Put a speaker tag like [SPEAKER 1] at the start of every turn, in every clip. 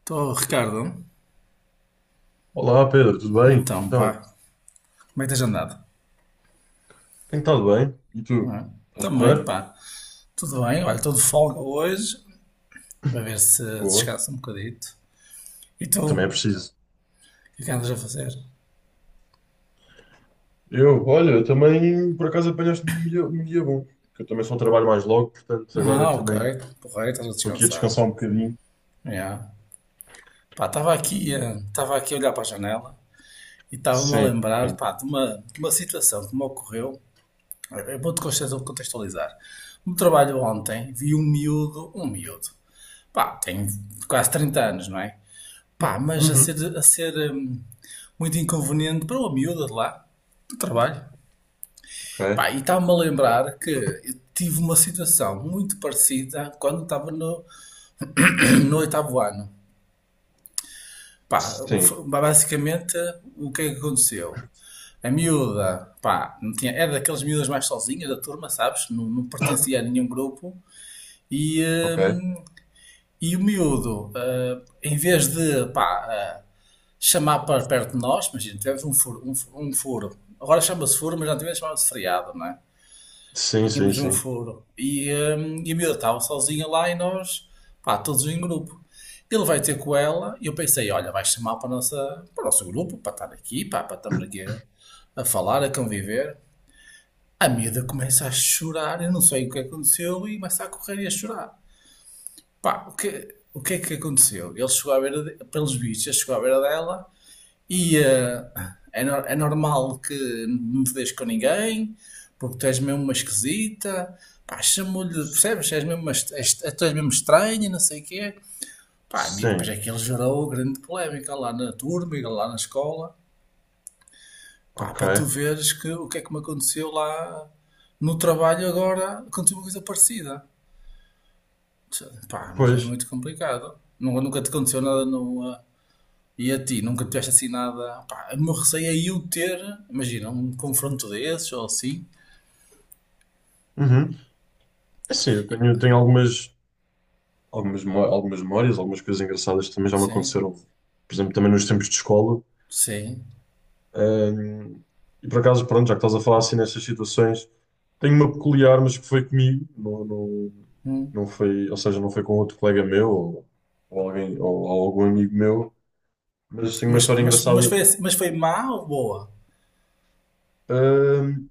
[SPEAKER 1] Estou, Ricardo.
[SPEAKER 2] Olá Pedro, tudo bem?
[SPEAKER 1] Então, pá,
[SPEAKER 2] Então,
[SPEAKER 1] como é que tens andado?
[SPEAKER 2] tem estado bem? E tu?
[SPEAKER 1] Não é?
[SPEAKER 2] Estás
[SPEAKER 1] Também,
[SPEAKER 2] porreiro?
[SPEAKER 1] pá, tudo bem. Olha, estou de folga hoje, vai ver se
[SPEAKER 2] Boa.
[SPEAKER 1] descanso um bocadito. E tu?
[SPEAKER 2] Também é
[SPEAKER 1] O
[SPEAKER 2] preciso.
[SPEAKER 1] que é que andas a fazer?
[SPEAKER 2] Eu, olha, também por acaso apanhaste um dia bom. Que eu também só trabalho mais logo, portanto agora
[SPEAKER 1] Ah, ok,
[SPEAKER 2] também
[SPEAKER 1] porreiro, estás a
[SPEAKER 2] estou aqui a
[SPEAKER 1] descansar.
[SPEAKER 2] descansar um bocadinho.
[SPEAKER 1] Yeah. Pá, estava aqui a olhar para a janela e estava-me a
[SPEAKER 2] Sim.
[SPEAKER 1] lembrar, pá, de uma situação que me ocorreu. Eu vou-te contextualizar. No trabalho ontem, vi um miúdo, pá, tem quase 30 anos, não é? Pá, mas a
[SPEAKER 2] Uhum.
[SPEAKER 1] ser, a ser muito inconveniente para uma miúda de lá, do trabalho. Pá,
[SPEAKER 2] Ok.
[SPEAKER 1] e estava-me a lembrar que eu tive uma situação muito parecida quando estava no oitavo ano. Pá,
[SPEAKER 2] Sim.
[SPEAKER 1] basicamente, o que é que aconteceu? A miúda, pá, não tinha, era daquelas miúdas mais sozinhas da turma, sabes? Não, não pertencia a nenhum grupo. E,
[SPEAKER 2] Ok.
[SPEAKER 1] hum, E o miúdo, em vez de pá, chamar para perto de nós, imagina, tivemos um furo, um furo. Agora chama-se furo, mas antigamente chamava-se freado, não é?
[SPEAKER 2] Sim, sim,
[SPEAKER 1] Tínhamos um
[SPEAKER 2] sim.
[SPEAKER 1] furo. E a miúda estava sozinha lá e nós, pá, todos em grupo. Ele vai ter com ela e eu pensei, olha, vai chamar para o nosso grupo, para estar aqui, pá, para estarmos aqui a falar, a conviver. A miúda começa a chorar, eu não sei o que aconteceu, e começa a correr e a chorar. Pá, o que é que aconteceu? Ele chegou à beira, de, pelos bichos, ele chegou à beira dela e é normal que não te deixes com ninguém, porque tu és mesmo uma esquisita, pá, chamou-lhe, percebes? És mesmo uma, est- és, tu és mesmo estranha, não sei o quê. Pá, e depois é
[SPEAKER 2] Sim.
[SPEAKER 1] que ele gerou grande polémica lá na turma e lá na escola, pá, para tu
[SPEAKER 2] Ok.
[SPEAKER 1] veres que, o que é que me aconteceu lá no trabalho agora aconteceu uma coisa parecida. Pá, uma
[SPEAKER 2] Pois.
[SPEAKER 1] coisa muito complicada. Nunca te aconteceu nada no, ah, E a ti, nunca tiveste assim nada. Pá, o meu receio é eu ter, imagina, um confronto desses ou assim.
[SPEAKER 2] Uhum. É assim, eu
[SPEAKER 1] E-
[SPEAKER 2] tenho, tenho algumas, algumas memórias, algumas coisas engraçadas que também já me
[SPEAKER 1] Sim,
[SPEAKER 2] aconteceram. Por exemplo, também nos tempos de escola.
[SPEAKER 1] sim.
[SPEAKER 2] Um, e por acaso, pronto, já que estás a falar assim nestas situações, tenho uma peculiar, mas que foi comigo, não, não,
[SPEAKER 1] Hum.
[SPEAKER 2] não foi, ou seja, não foi com outro colega meu ou alguém, ou algum amigo meu, mas tenho uma
[SPEAKER 1] Mas,
[SPEAKER 2] história
[SPEAKER 1] mas, mas,
[SPEAKER 2] engraçada.
[SPEAKER 1] foi, assim- mas foi má ou boa?
[SPEAKER 2] Um,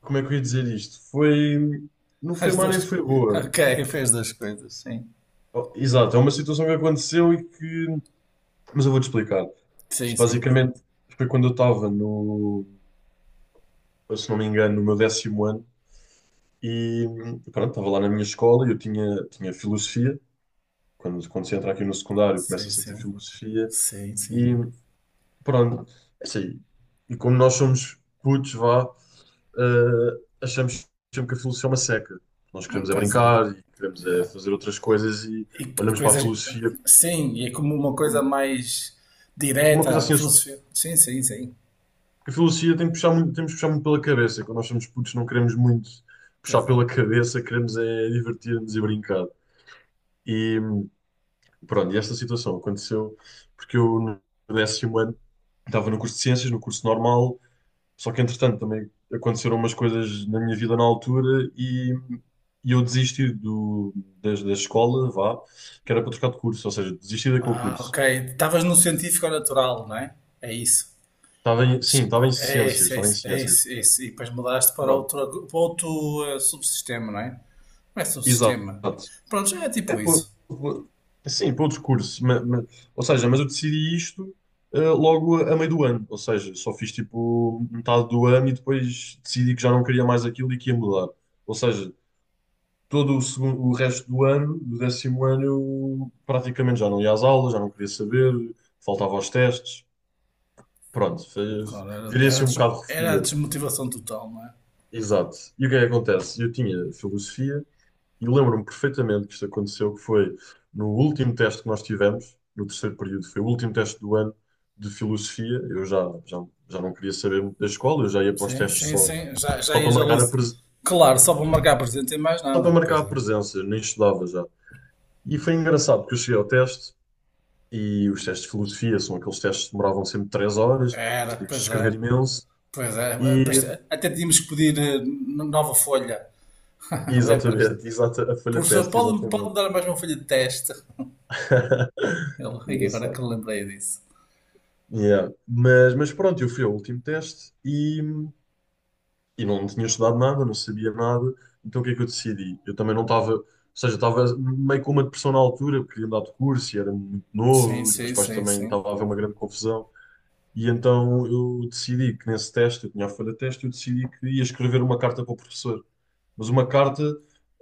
[SPEAKER 2] Como é que eu ia dizer isto? Foi, não foi
[SPEAKER 1] As
[SPEAKER 2] má nem
[SPEAKER 1] duas.
[SPEAKER 2] foi boa.
[SPEAKER 1] Ok, fez as duas coisas, sim.
[SPEAKER 2] Oh, exato, é uma situação que aconteceu mas eu vou-te explicar.
[SPEAKER 1] Sim,
[SPEAKER 2] Isto
[SPEAKER 1] sim.
[SPEAKER 2] basicamente foi quando eu estava no, se não me engano, no meu décimo ano. E pronto, estava lá na minha escola e eu tinha filosofia. Quando se entra aqui no secundário,
[SPEAKER 1] Sim,
[SPEAKER 2] começa-se a ter
[SPEAKER 1] sim.
[SPEAKER 2] filosofia.
[SPEAKER 1] Sim,
[SPEAKER 2] E
[SPEAKER 1] sim.
[SPEAKER 2] pronto, é assim. E como nós somos putos, vá, achamos sempre que a filosofia é uma seca. Nós
[SPEAKER 1] Hum.
[SPEAKER 2] queremos é
[SPEAKER 1] Pois é.
[SPEAKER 2] brincar e queremos é
[SPEAKER 1] Yeah.
[SPEAKER 2] fazer outras coisas e
[SPEAKER 1] E
[SPEAKER 2] olhamos para a
[SPEAKER 1] coisas.
[SPEAKER 2] filosofia
[SPEAKER 1] Sim, e é como uma coisa
[SPEAKER 2] como
[SPEAKER 1] mais
[SPEAKER 2] uma coisa
[SPEAKER 1] direta,
[SPEAKER 2] assim.
[SPEAKER 1] filosofia. Sim, sim, sim.
[SPEAKER 2] A filosofia tem que puxar muito, temos que puxar muito pela cabeça. Quando nós somos putos, não queremos muito puxar
[SPEAKER 1] Pois é.
[SPEAKER 2] pela cabeça, queremos é divertir-nos e brincar. E pronto, e esta situação aconteceu porque eu no décimo ano estava no curso de ciências, no curso normal, só que entretanto também aconteceram umas coisas na minha vida na altura e eu desisti do, da escola, vá, que era para trocar de curso, ou seja, desisti daquele
[SPEAKER 1] Ah,
[SPEAKER 2] curso.
[SPEAKER 1] ok. Estavas no científico ou natural, não é? É isso.
[SPEAKER 2] Estava em, sim, estava em
[SPEAKER 1] É
[SPEAKER 2] ciências,
[SPEAKER 1] isso, é
[SPEAKER 2] estava em
[SPEAKER 1] isso, é
[SPEAKER 2] ciências.
[SPEAKER 1] isso, é isso. E depois mudaste para
[SPEAKER 2] Pronto,
[SPEAKER 1] outro, subsistema, não é? Não é
[SPEAKER 2] exato.
[SPEAKER 1] subsistema. Pronto, já é
[SPEAKER 2] É
[SPEAKER 1] tipo
[SPEAKER 2] pelo,
[SPEAKER 1] isso.
[SPEAKER 2] pelo- sim, pelo discurso. Ou seja, mas eu decidi isto logo a meio do ano. Ou seja, só fiz tipo metade do ano e depois decidi que já não queria mais aquilo e que ia mudar. Ou seja, todo o segundo, o resto do ano, do décimo ano, eu praticamente já não ia às aulas, já não queria saber, faltava aos testes. Pronto,
[SPEAKER 1] Claro, era,
[SPEAKER 2] virei
[SPEAKER 1] era,
[SPEAKER 2] assim um
[SPEAKER 1] des-
[SPEAKER 2] bocado
[SPEAKER 1] era a
[SPEAKER 2] refia.
[SPEAKER 1] desmotivação total, não é?
[SPEAKER 2] Exato. E o que é que acontece? Eu tinha filosofia. E lembro-me perfeitamente que isto aconteceu, que foi no último teste que nós tivemos, no terceiro período, foi o último teste do ano de filosofia. Eu já, já, já não queria saber muito da escola, eu já ia para os
[SPEAKER 1] Sim,
[SPEAKER 2] testes
[SPEAKER 1] sim,
[SPEAKER 2] só,
[SPEAKER 1] sim. Já
[SPEAKER 2] só para
[SPEAKER 1] ias ali.
[SPEAKER 2] marcar a presen-
[SPEAKER 1] Claro, só para marcar presente e mais
[SPEAKER 2] só para
[SPEAKER 1] nada.
[SPEAKER 2] marcar
[SPEAKER 1] Pois
[SPEAKER 2] a
[SPEAKER 1] é.
[SPEAKER 2] presença, nem estudava já. E foi engraçado, porque eu cheguei ao teste e os testes de filosofia são aqueles testes que demoravam sempre três horas,
[SPEAKER 1] Era,
[SPEAKER 2] tínhamos de
[SPEAKER 1] pois
[SPEAKER 2] escrever
[SPEAKER 1] era.
[SPEAKER 2] imenso.
[SPEAKER 1] Pois era.
[SPEAKER 2] E,
[SPEAKER 1] Pois, até tínhamos que pedir nova folha.
[SPEAKER 2] e
[SPEAKER 1] Lembras-te?
[SPEAKER 2] exatamente, exata, a folha de
[SPEAKER 1] Professor,
[SPEAKER 2] teste,
[SPEAKER 1] pode-me
[SPEAKER 2] exatamente.
[SPEAKER 1] pode dar mais uma folha de teste? Ele, "Ai, agora que
[SPEAKER 2] Engraçado.
[SPEAKER 1] eu lembrei disso."
[SPEAKER 2] Yeah. Mas pronto, eu fui ao último teste e não tinha estudado nada, não sabia nada. Então o que é que eu decidi? Eu também não estava, ou seja, estava meio com uma depressão na altura, porque queria mudar de curso e era muito
[SPEAKER 1] Sim,
[SPEAKER 2] novo, os meus
[SPEAKER 1] sim,
[SPEAKER 2] pais
[SPEAKER 1] sim,
[SPEAKER 2] também
[SPEAKER 1] sim.
[SPEAKER 2] estavam a haver uma grande confusão. E então eu decidi que nesse teste, eu tinha a folha de teste, eu decidi que ia escrever uma carta para o professor. Mas uma carta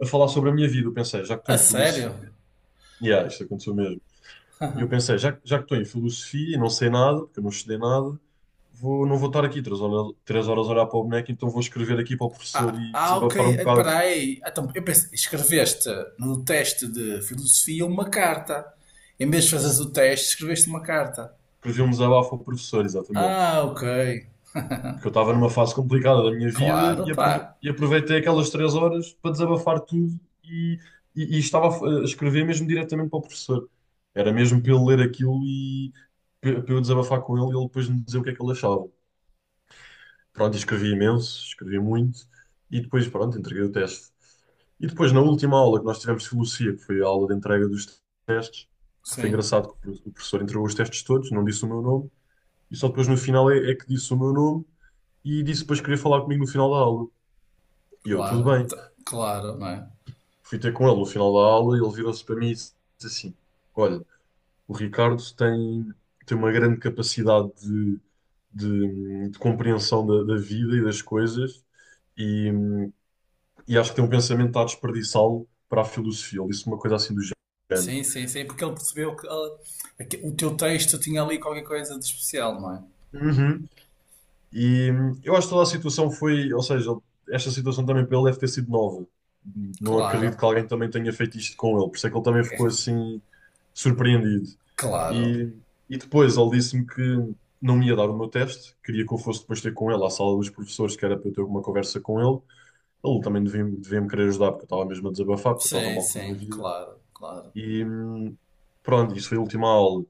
[SPEAKER 2] a falar sobre a minha vida. Eu pensei, já que estou
[SPEAKER 1] A
[SPEAKER 2] em
[SPEAKER 1] sério?
[SPEAKER 2] filosofia, yeah, isto aconteceu mesmo. E eu pensei, já que estou em filosofia e não sei nada, porque eu não estudei nada, vou, não vou estar aqui três horas a olhar para o boneco, então vou escrever aqui para o professor
[SPEAKER 1] Ah,
[SPEAKER 2] e
[SPEAKER 1] ok.
[SPEAKER 2] desabafar um bocado.
[SPEAKER 1] Espera aí. Então, eu pensei, escreveste no teste de filosofia uma carta. Em vez de fazeres o teste, escreveste uma carta.
[SPEAKER 2] Escrevi um desabafo ao professor, exatamente.
[SPEAKER 1] Ah, ok.
[SPEAKER 2] Porque eu estava numa fase complicada da minha vida
[SPEAKER 1] Claro, pá.
[SPEAKER 2] e aproveitei aquelas três horas para desabafar tudo e estava a escrever mesmo diretamente para o professor. Era mesmo para ele ler aquilo e para eu desabafar com ele e ele depois me dizer o que é que ele achava. Pronto, e escrevi imenso, escrevi muito e depois, pronto, entreguei o teste. E depois, na última aula que nós tivemos de filosofia, que foi a aula de entrega dos testes, foi
[SPEAKER 1] Sim,
[SPEAKER 2] engraçado que o professor entregou os testes todos, não disse o meu nome, e só depois no final é que disse o meu nome e disse depois que queria falar comigo no final da aula. E eu, tudo
[SPEAKER 1] claro.
[SPEAKER 2] bem.
[SPEAKER 1] Claro, não é?
[SPEAKER 2] Fui ter com ele no final da aula e ele virou-se para mim e disse assim: Olha, o Ricardo tem, tem uma grande capacidade de, de compreensão da, da vida e das coisas. E, e acho que tem um pensamento que está a desperdiçá-lo para a filosofia. Ele disse uma coisa assim do género.
[SPEAKER 1] Sim, sim, sim. Porque ele percebeu que o teu texto tinha ali qualquer coisa de especial, não é?
[SPEAKER 2] Uhum. E eu acho que toda a situação foi, ou seja, esta situação também para ele deve ter sido nova. Não
[SPEAKER 1] Claro,
[SPEAKER 2] acredito que alguém também tenha feito isto com ele, por isso é que ele também ficou assim surpreendido.
[SPEAKER 1] claro.
[SPEAKER 2] E, e depois ele disse-me que não me ia dar o meu teste, queria que eu fosse depois ter com ele à sala dos professores, que era para eu ter uma conversa com ele. Ele também devia, devia me querer ajudar, porque eu estava mesmo a desabafar, porque eu estava
[SPEAKER 1] Sim,
[SPEAKER 2] mal com a minha
[SPEAKER 1] sim,
[SPEAKER 2] vida.
[SPEAKER 1] claro, claro.
[SPEAKER 2] E pronto, isso foi a última aula.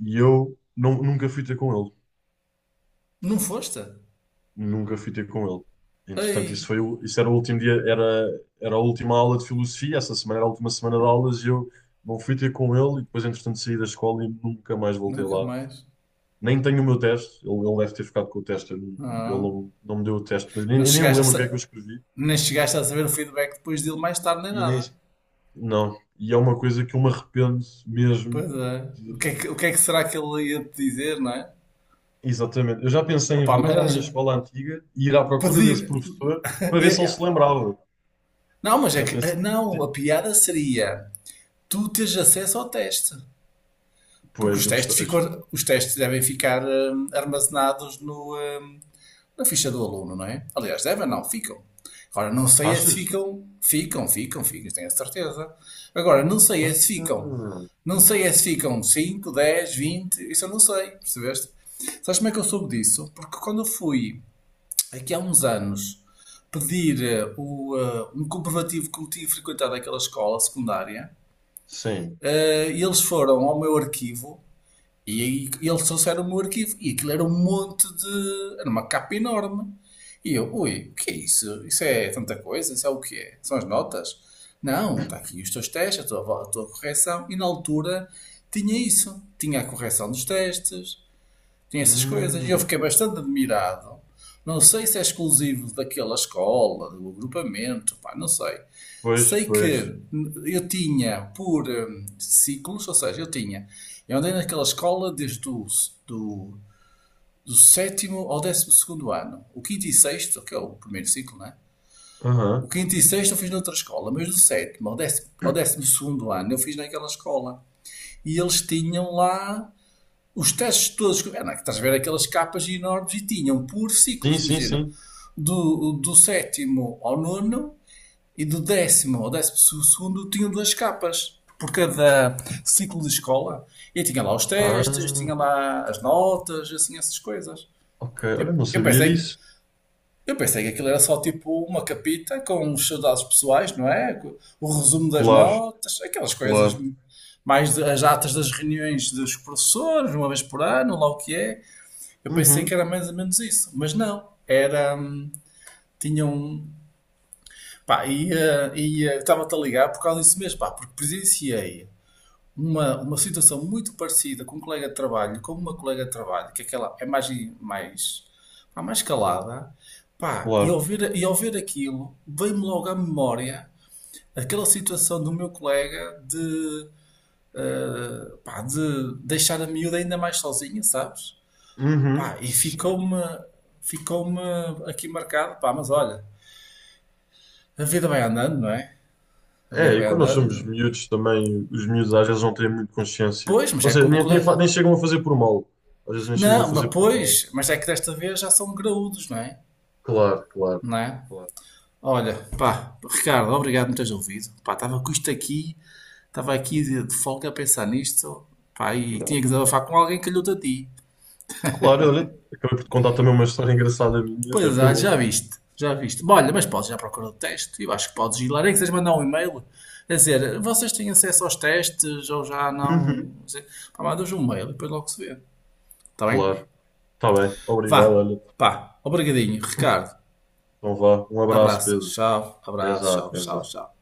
[SPEAKER 2] E eu não, nunca fui ter com ele.
[SPEAKER 1] Não foste?
[SPEAKER 2] Nunca fui ter com ele. Entretanto, isso
[SPEAKER 1] Ei,
[SPEAKER 2] foi, isso era o último dia, era, era a última aula de filosofia, essa semana era a última semana de aulas e eu não fui ter com ele e depois, entretanto, saí da escola e nunca mais voltei
[SPEAKER 1] nunca
[SPEAKER 2] lá.
[SPEAKER 1] mais.
[SPEAKER 2] Nem tenho o meu teste, ele deve ter ficado com o teste, eu não- ele
[SPEAKER 1] Não.
[SPEAKER 2] não, não me deu o teste, portanto, nem,
[SPEAKER 1] Não
[SPEAKER 2] nem me
[SPEAKER 1] chegaste a,
[SPEAKER 2] lembro do que é que eu
[SPEAKER 1] sa-
[SPEAKER 2] escrevi
[SPEAKER 1] nem chegaste a saber o feedback depois dele mais tarde, nem
[SPEAKER 2] e nem,
[SPEAKER 1] nada.
[SPEAKER 2] não. E é uma coisa que eu me arrependo mesmo
[SPEAKER 1] Pois é. O que é que,
[SPEAKER 2] de...
[SPEAKER 1] o que é que será que ele ia te dizer, não é?
[SPEAKER 2] Exatamente. Eu já pensei em
[SPEAKER 1] Opa, mas
[SPEAKER 2] voltar à minha escola antiga e ir à procura desse
[SPEAKER 1] pedir.
[SPEAKER 2] professor para ver se
[SPEAKER 1] eh,
[SPEAKER 2] ele
[SPEAKER 1] eh,
[SPEAKER 2] se lembrava.
[SPEAKER 1] Não, mas é
[SPEAKER 2] Já
[SPEAKER 1] que.
[SPEAKER 2] pensei.
[SPEAKER 1] Não, a piada seria tu teres acesso ao teste. Porque
[SPEAKER 2] Pois,
[SPEAKER 1] os
[SPEAKER 2] eu gosto.
[SPEAKER 1] testes, ficam, os testes devem ficar armazenados no, eh, na ficha do aluno, não é? Aliás, devem, não, ficam. Agora, não sei é se
[SPEAKER 2] Achas?
[SPEAKER 1] ficam, tenho a certeza. Agora,
[SPEAKER 2] Ah,
[SPEAKER 1] não sei é se ficam 5, 10, 20, isso eu não sei, percebeste? Sabes como é que eu soube disso? Porque quando eu fui, aqui há uns anos, pedir um comprovativo que eu tinha frequentado aquela escola secundária,
[SPEAKER 2] sim.
[SPEAKER 1] e eles foram ao meu arquivo e, aí eles trouxeram-me o meu arquivo e aquilo era um monte de. Era uma capa enorme. E eu, ui, o que é isso? Isso é tanta coisa? Isso é o que é? São as notas? Não, está aqui os teus testes, a tua correção. E na altura tinha isso. Tinha a correção dos testes, tinha essas coisas. E eu
[SPEAKER 2] Hum,
[SPEAKER 1] fiquei bastante admirado. Não sei se é exclusivo daquela escola, do agrupamento, pá, não sei.
[SPEAKER 2] pois,
[SPEAKER 1] Sei que
[SPEAKER 2] pois.
[SPEAKER 1] eu tinha por ciclos, ou seja, eu tinha. Eu andei naquela escola desde o do, do sétimo ao 12º ano. O quinto e sexto, que é o primeiro ciclo, né?
[SPEAKER 2] Aham.
[SPEAKER 1] O quinto e sexto eu fiz noutra escola, mas do sétimo ao 12º ano eu fiz naquela escola. E eles tinham lá os testes todos. É, não, estás a ver aquelas capas enormes e tinham por ciclos,
[SPEAKER 2] Sim, sim,
[SPEAKER 1] imagina.
[SPEAKER 2] sim.
[SPEAKER 1] Do sétimo ao nono e do 10º ao 12º tinham duas capas por cada ciclo de escola. E tinha lá os testes, tinha
[SPEAKER 2] Ah,
[SPEAKER 1] lá as notas, assim, essas coisas.
[SPEAKER 2] ok. Olha,
[SPEAKER 1] Tipo,
[SPEAKER 2] não
[SPEAKER 1] eu
[SPEAKER 2] sabia
[SPEAKER 1] pensei,
[SPEAKER 2] disso.
[SPEAKER 1] eu pensei que aquilo era só tipo uma capita com os seus dados pessoais, não é? O resumo das
[SPEAKER 2] Claro,
[SPEAKER 1] notas, aquelas coisas
[SPEAKER 2] claro.
[SPEAKER 1] as atas das reuniões dos professores, uma vez por ano, lá o que é. Eu pensei que
[SPEAKER 2] Uhum,
[SPEAKER 1] era mais ou menos isso, mas não. Era. Tinha um. Pá, ia. Ia Estava-te a ligar por causa disso mesmo, pá, porque presenciei uma situação muito parecida com um colega de trabalho, com uma colega de trabalho, que aquela é mais. Mais, pá, mais calada, pá, e ao
[SPEAKER 2] claro.
[SPEAKER 1] ver, e ao ver aquilo, veio-me logo à memória aquela situação do meu colega de. Pá, de deixar a miúda ainda mais sozinha, sabes?
[SPEAKER 2] Uhum,
[SPEAKER 1] Pá, e
[SPEAKER 2] sim.
[SPEAKER 1] ficou-me aqui marcado, pá, mas olha, a vida vai andando, não é? A
[SPEAKER 2] É,
[SPEAKER 1] vida
[SPEAKER 2] e
[SPEAKER 1] vai
[SPEAKER 2] quando nós somos
[SPEAKER 1] andando.
[SPEAKER 2] miúdos também, os miúdos às vezes não têm muito consciência.
[SPEAKER 1] Pois, mas
[SPEAKER 2] Ou
[SPEAKER 1] é
[SPEAKER 2] seja,
[SPEAKER 1] como o colega.
[SPEAKER 2] nem chegam a fazer por mal. Às vezes nem chegam a
[SPEAKER 1] Não,
[SPEAKER 2] fazer
[SPEAKER 1] mas
[SPEAKER 2] por mal.
[SPEAKER 1] pois, mas é que desta vez já são graúdos, não é?
[SPEAKER 2] Claro, claro,
[SPEAKER 1] Não é?
[SPEAKER 2] claro.
[SPEAKER 1] Olha, pá, Ricardo, obrigado por me teres ouvido. Pá, estava com isto aqui, estava aqui de folga a pensar nisto, pá, e
[SPEAKER 2] Não.
[SPEAKER 1] tinha que desabafar com alguém que lhe a ti.
[SPEAKER 2] Claro, olha, acabei por te contar também uma história engraçada minha, até
[SPEAKER 1] Pois
[SPEAKER 2] foi
[SPEAKER 1] é, já viste, já viste. Bom, olha, mas podes ir à procura do teste. Eu acho que podes ir lá, nem que seja mandar um e-mail a dizer vocês têm acesso aos testes ou já não.
[SPEAKER 2] bom.
[SPEAKER 1] Pá, mandas um e-mail e depois logo se vê. Está bem?
[SPEAKER 2] Claro. Está bem. Obrigado,
[SPEAKER 1] Vá,
[SPEAKER 2] olha.
[SPEAKER 1] pá, obrigadinho, Ricardo.
[SPEAKER 2] Então vá. Um abraço, Pedro.
[SPEAKER 1] Abraço, tchau,
[SPEAKER 2] Exato,
[SPEAKER 1] tchau,
[SPEAKER 2] exato.
[SPEAKER 1] tchau.